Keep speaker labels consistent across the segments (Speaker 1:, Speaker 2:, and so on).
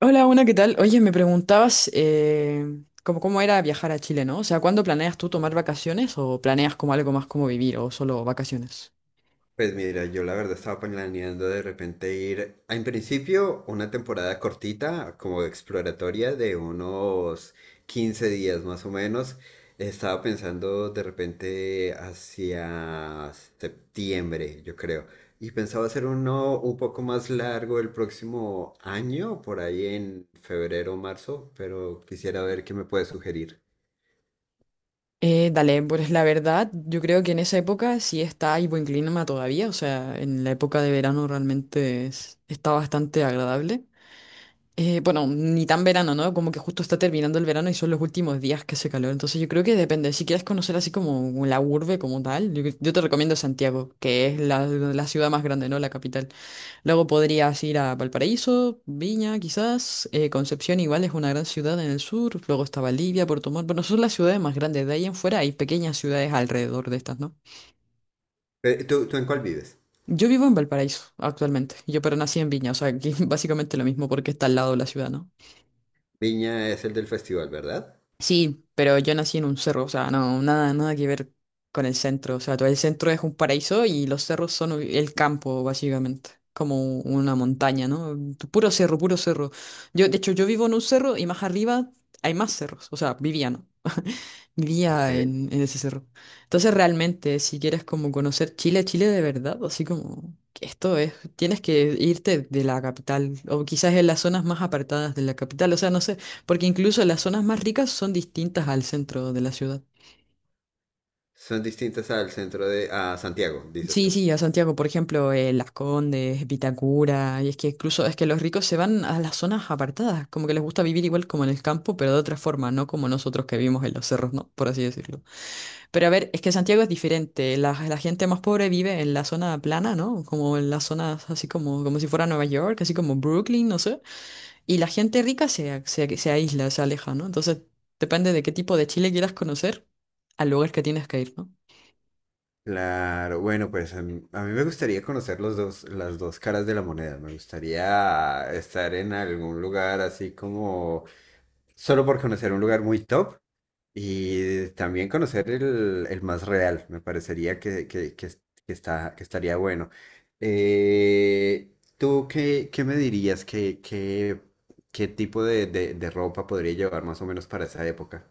Speaker 1: Hola, una, ¿qué tal? Oye, me preguntabas cómo, cómo era viajar a Chile, ¿no? O sea, ¿cuándo planeas tú tomar vacaciones o planeas como algo más como vivir o solo vacaciones?
Speaker 2: Pues mira, yo la verdad estaba planeando de repente ir, en principio, una temporada cortita, como exploratoria de unos 15 días más o menos. Estaba pensando de repente hacia septiembre, yo creo. Y pensaba hacer uno un poco más largo el próximo año, por ahí en febrero o marzo, pero quisiera ver qué me puedes sugerir.
Speaker 1: Dale, pues la verdad, yo creo que en esa época sí está, hay buen clima todavía, o sea, en la época de verano realmente está bastante agradable. Bueno, ni tan verano, ¿no? Como que justo está terminando el verano y son los últimos días que hace calor, entonces yo creo que depende, si quieres conocer así como la urbe como tal, yo te recomiendo Santiago, que es la ciudad más grande, ¿no? La capital. Luego podrías ir a Valparaíso, Viña, quizás. Concepción igual es una gran ciudad en el sur. Luego está Bolivia, Puerto Montt. Bueno, son las ciudades más grandes. De ahí en fuera hay pequeñas ciudades alrededor de estas, ¿no?
Speaker 2: ¿Tú en cuál vives?
Speaker 1: Yo vivo en Valparaíso actualmente. Yo pero nací en Viña, o sea, que básicamente lo mismo porque está al lado de la ciudad, ¿no?
Speaker 2: Viña es el del festival, ¿verdad?
Speaker 1: Sí, pero yo nací en un cerro, o sea, no, nada, nada que ver con el centro. O sea, todo el centro es un paraíso y los cerros son el campo, básicamente, como una montaña, ¿no? Puro cerro, puro cerro. De hecho, yo vivo en un cerro y más arriba hay más cerros, o sea, vivía, ¿no? Vivía
Speaker 2: Ok.
Speaker 1: en ese cerro. Entonces, realmente, si quieres como conocer Chile, Chile de verdad, así como que esto es, tienes que irte de la capital, o quizás en las zonas más apartadas de la capital, o sea, no sé. Porque incluso las zonas más ricas son distintas al centro de la ciudad.
Speaker 2: Son distintas al centro de, a Santiago, dices
Speaker 1: Sí,
Speaker 2: tú.
Speaker 1: sí, a Santiago, por ejemplo, Las Condes, Vitacura, y es que incluso es que los ricos se van a las zonas apartadas, como que les gusta vivir igual como en el campo, pero de otra forma, no como nosotros que vivimos en los cerros, ¿no? Por así decirlo. Pero a ver, es que Santiago es diferente, la gente más pobre vive en la zona plana, ¿no? Como en las zonas así como, como si fuera Nueva York, así como Brooklyn, no sé. Y la gente rica se aísla, se aleja, ¿no? Entonces, depende de qué tipo de Chile quieras conocer al lugar que tienes que ir, ¿no?
Speaker 2: Claro, bueno, pues a mí me gustaría conocer los dos, las dos caras de la moneda. Me gustaría estar en algún lugar así como solo por conocer un lugar muy top y también conocer el más real. Me parecería que es- que está, que estaría bueno. ¿Tú qué me dirías? ¿Qué tipo de, de ropa podría llevar más o menos para esa época?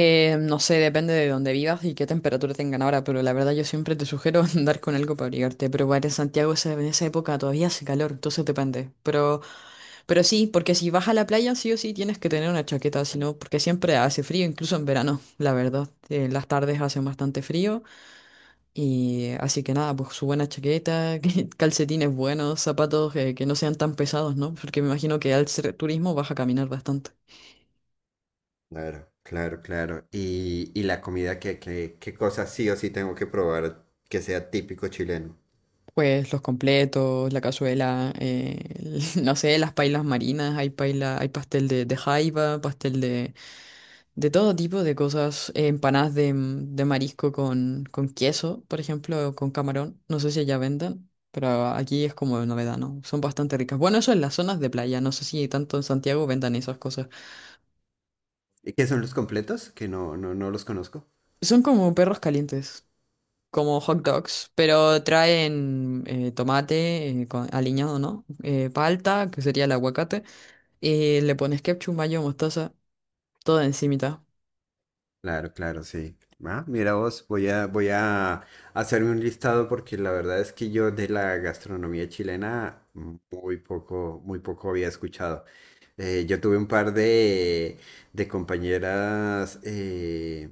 Speaker 1: No sé, depende de dónde vivas y qué temperatura tengan ahora, pero la verdad yo siempre te sugiero andar con algo para abrigarte. Pero bueno, en Santiago en esa época todavía hace calor, entonces depende. Pero sí, porque si vas a la playa sí o sí tienes que tener una chaqueta, si no, porque siempre hace frío, incluso en verano, la verdad. Las tardes hacen bastante frío. Y así que nada, pues su buena chaqueta, calcetines buenos, zapatos que no sean tan pesados, ¿no? Porque me imagino que al ser turismo vas a caminar bastante.
Speaker 2: Claro, claro, claro. Y la comida, ¿qué cosas sí o sí tengo que probar que sea típico chileno?
Speaker 1: Pues los completos, la cazuela, no sé, las pailas marinas, hay paila, hay pastel de jaiba, pastel de todo tipo de cosas, empanadas de, de marisco con queso, por ejemplo, o con camarón, no sé si allá vendan, pero aquí es como novedad, ¿no? Son bastante ricas. Bueno, eso en las zonas de playa, no sé si tanto en Santiago vendan esas cosas.
Speaker 2: ¿Y qué son los completos? Que no los conozco.
Speaker 1: Son como perros calientes, como hot dogs, pero traen tomate aliñado, ¿no? Palta, que sería el aguacate, y le pones ketchup, mayo, mostaza, todo encimita.
Speaker 2: Claro, claro, sí. Ah, mira vos, voy a hacerme un listado porque la verdad es que yo de la gastronomía chilena muy poco había escuchado. Yo tuve un par de compañeras eh,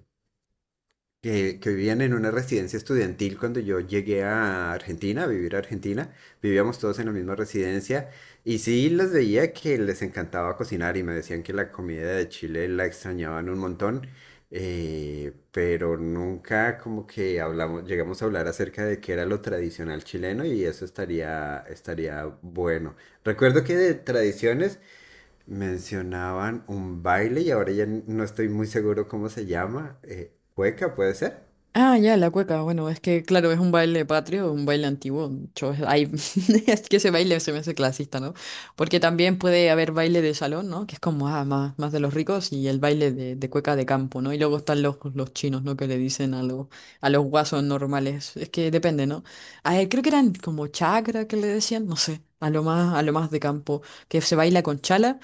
Speaker 2: que, que vivían en una residencia estudiantil cuando yo llegué a Argentina, a vivir a Argentina. Vivíamos todos en la misma residencia y sí los veía que les encantaba cocinar y me decían que la comida de Chile la extrañaban un montón, pero nunca como que hablamos, llegamos a hablar acerca de qué era lo tradicional chileno y eso estaría bueno. Recuerdo que de tradiciones mencionaban un baile y ahora ya no estoy muy seguro cómo se llama. ¿Cueca puede ser?
Speaker 1: Ah, ya, la cueca. Bueno, es que, claro, es un baile patrio, un baile antiguo. Es que ese baile se me hace clasista, ¿no? Porque también puede haber baile de salón, ¿no? Que es como ah, más, más de los ricos y el baile de cueca de campo, ¿no? Y luego están los chinos, ¿no? Que le dicen a los guasos normales. Es que depende, ¿no? A él creo que eran como chakra que le decían, no sé, a lo más de campo, que se baila con chala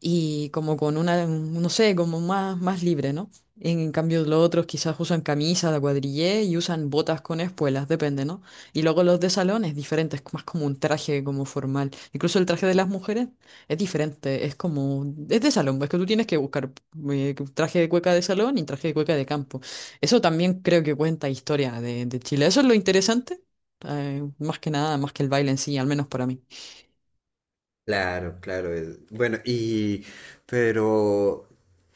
Speaker 1: y como con una, no sé, como más, más libre, ¿no? En cambio, los otros quizás usan camisas de cuadrillé y usan botas con espuelas, depende, ¿no? Y luego los de salón es diferente, es más como un traje como formal. Incluso el traje de las mujeres es diferente, es como, es de salón, es que tú tienes que buscar traje de cueca de salón y traje de cueca de campo. Eso también creo que cuenta historia de Chile. Eso es lo interesante, más que nada, más que el baile en sí, al menos para mí.
Speaker 2: Claro, claro. Bueno, y pero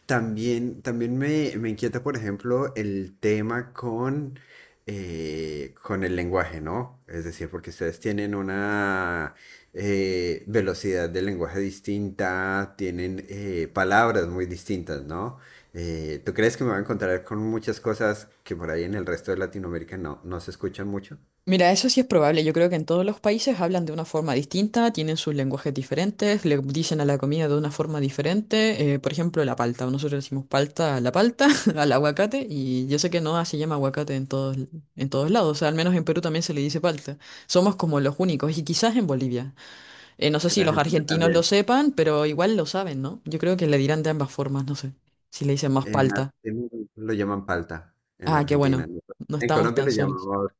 Speaker 2: también, también me inquieta, por ejemplo, el tema con el lenguaje, ¿no? Es decir, porque ustedes tienen una velocidad de lenguaje distinta, tienen palabras muy distintas, ¿no? ¿Tú crees que me voy a encontrar con muchas cosas que por ahí en el resto de Latinoamérica no, no se escuchan mucho?
Speaker 1: Mira, eso sí es probable. Yo creo que en todos los países hablan de una forma distinta, tienen sus lenguajes diferentes, le dicen a la comida de una forma diferente. Por ejemplo, la palta. Nosotros decimos palta a la palta, al aguacate, y yo sé que no se llama aguacate en todos lados. O sea, al menos en Perú también se le dice palta. Somos como los únicos, y quizás en Bolivia. No sé
Speaker 2: En
Speaker 1: si los
Speaker 2: Argentina
Speaker 1: argentinos lo
Speaker 2: también.
Speaker 1: sepan, pero igual lo saben, ¿no? Yo creo que le dirán de ambas formas, no sé. Si le dicen más
Speaker 2: En
Speaker 1: palta.
Speaker 2: Argentina lo llaman palta, en
Speaker 1: Ah, qué
Speaker 2: Argentina,
Speaker 1: bueno.
Speaker 2: ¿no?
Speaker 1: No
Speaker 2: En
Speaker 1: estamos
Speaker 2: Colombia
Speaker 1: tan
Speaker 2: lo
Speaker 1: solos.
Speaker 2: llamamos,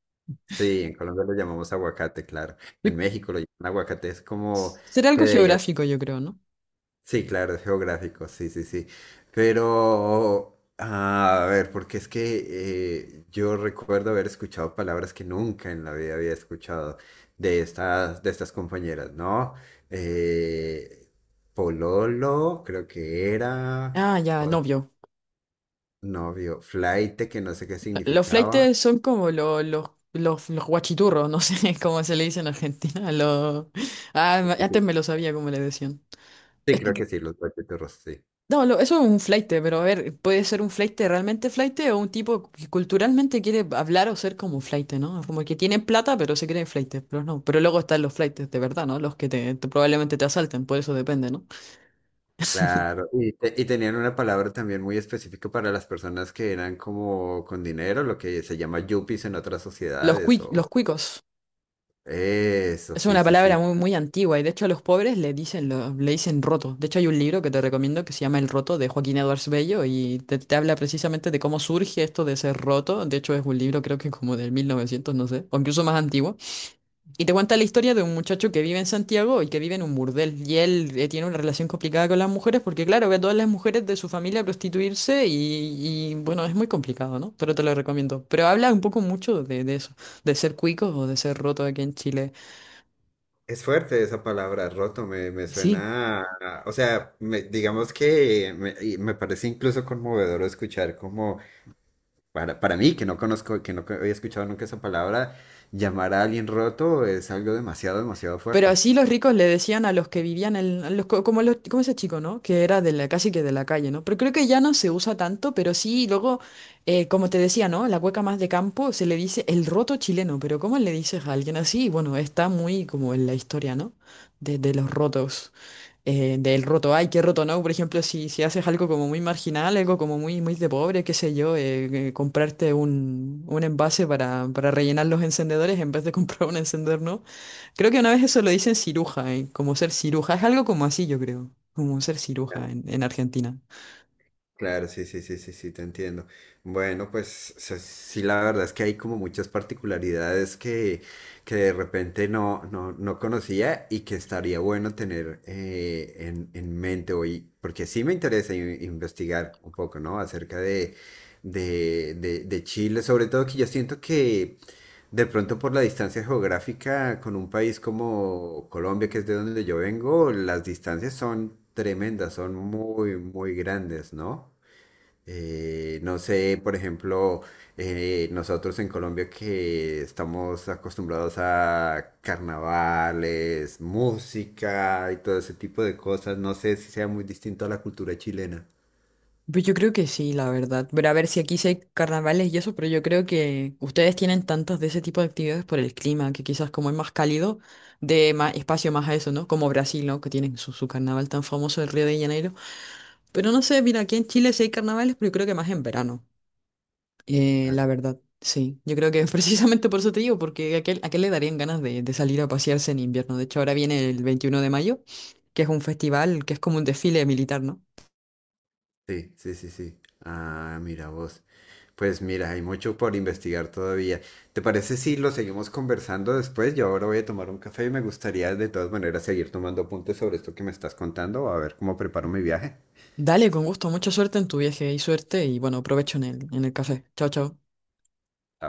Speaker 2: sí, en Colombia lo llamamos aguacate, claro.
Speaker 1: Yo-
Speaker 2: En México lo llaman aguacate, es como
Speaker 1: Será
Speaker 2: que
Speaker 1: algo
Speaker 2: de allá,
Speaker 1: geográfico, yo creo, ¿no?
Speaker 2: sí, claro, es geográfico, sí, sí, sí. Pero, ah, a ver, porque es que yo recuerdo haber escuchado palabras que nunca en la vida había escuchado de estas compañeras, ¿no? Eh, pololo, creo que era.
Speaker 1: Ah, ya, novio.
Speaker 2: Novio, flaite, que no sé qué
Speaker 1: Los
Speaker 2: significaba.
Speaker 1: flaites son como los guachiturros, no sé cómo se le dice en Argentina. Los... Ah, antes me lo sabía cómo le decían.
Speaker 2: Sí,
Speaker 1: Es que,
Speaker 2: creo que sí, los guachiturros, sí.
Speaker 1: no, eso es un flaite, pero a ver, puede ser un flaite realmente flaite o un tipo que culturalmente quiere hablar o ser como un flaite, ¿no? Como que tienen plata, pero se creen flaites, pero no. Pero luego están los flaites de verdad, ¿no? Los que probablemente te asalten, por eso depende, ¿no?
Speaker 2: Claro. Y tenían una palabra también muy específica para las personas que eran como con dinero, lo que se llama yuppies en otras
Speaker 1: Los,
Speaker 2: sociedades.
Speaker 1: los
Speaker 2: O...
Speaker 1: cuicos.
Speaker 2: Eso,
Speaker 1: Es
Speaker 2: sí,
Speaker 1: una
Speaker 2: sí, sí.
Speaker 1: palabra muy, muy antigua y de hecho a los pobres le dicen, le dicen roto. De hecho hay un libro que te recomiendo que se llama El Roto de Joaquín Edwards Bello y te habla precisamente de cómo surge esto de ser roto. De hecho es un libro creo que como del 1900, no sé, o incluso más antiguo. Y te cuenta la historia de un muchacho que vive en Santiago y que vive en un burdel. Y él tiene una relación complicada con las mujeres porque claro, ve a todas las mujeres de su familia prostituirse y, bueno, es muy complicado, ¿no? Pero te lo recomiendo. Pero habla un poco mucho de eso, de ser cuico o de ser roto aquí en Chile.
Speaker 2: Es fuerte esa palabra, roto, me
Speaker 1: Sí,
Speaker 2: suena, o sea, digamos que me, y me parece incluso conmovedor escuchar como para mí, que no conozco, que no co- había escuchado nunca esa palabra, llamar a alguien roto es algo demasiado, demasiado
Speaker 1: pero
Speaker 2: fuerte.
Speaker 1: así los ricos le decían a los que vivían en, a los, como ese chico, ¿no? Que era de la, casi que de la calle, ¿no? Pero creo que ya no se usa tanto, pero sí, luego, como te decía, ¿no? La cueca más de campo se le dice el roto chileno, pero ¿cómo le dices a alguien así? Bueno, está muy como en la historia, ¿no? De los rotos, del roto, ay, qué roto, ¿no? Por ejemplo, si, si haces algo como muy marginal, algo como muy, muy de pobre, qué sé yo, comprarte un envase para rellenar los encendedores en vez de comprar un encendedor, ¿no? Creo que una vez eso lo dicen ciruja, ¿eh? Como ser ciruja. Es algo como así, yo creo. Como ser ciruja en Argentina.
Speaker 2: Claro, sí, sí, sí, sí, sí, te entiendo. Bueno, pues sí, la verdad es que hay como muchas particularidades que de repente no conocía y que estaría bueno tener en mente hoy, porque sí me interesa investigar un poco, ¿no? Acerca de, de Chile, sobre todo que yo siento que de pronto por la distancia geográfica con un país como Colombia, que es de donde yo vengo, las distancias son tremendas, son muy, muy grandes, ¿no? No sé, por ejemplo, nosotros en Colombia que estamos acostumbrados a carnavales, música y todo ese tipo de cosas, no sé si sea muy distinto a la cultura chilena.
Speaker 1: Pues yo creo que sí, la verdad. Pero a ver si aquí sí hay carnavales y eso, pero yo creo que ustedes tienen tantos de ese tipo de actividades por el clima, que quizás como es más cálido, de más espacio más a eso, ¿no? Como Brasil, ¿no? Que tienen su carnaval tan famoso, el Río de Janeiro. Pero no sé, mira, aquí en Chile sí hay carnavales, pero yo creo que más en verano. La
Speaker 2: Claro.
Speaker 1: verdad, sí. Yo creo que precisamente por eso te digo, porque a qué le darían ganas de salir a pasearse en invierno. De hecho, ahora viene el 21 de mayo, que es un festival, que es como un desfile militar, ¿no?
Speaker 2: Sí, sí, sí, sí. Ah, mira vos. Pues mira, hay mucho por investigar todavía. ¿Te parece si lo seguimos conversando después? Yo ahora voy a tomar un café y me gustaría de todas maneras seguir tomando apuntes sobre esto que me estás contando, a ver cómo preparo mi viaje.
Speaker 1: Dale, con gusto, mucha suerte en tu viaje y suerte y bueno, provecho en en el café. Chao, chao.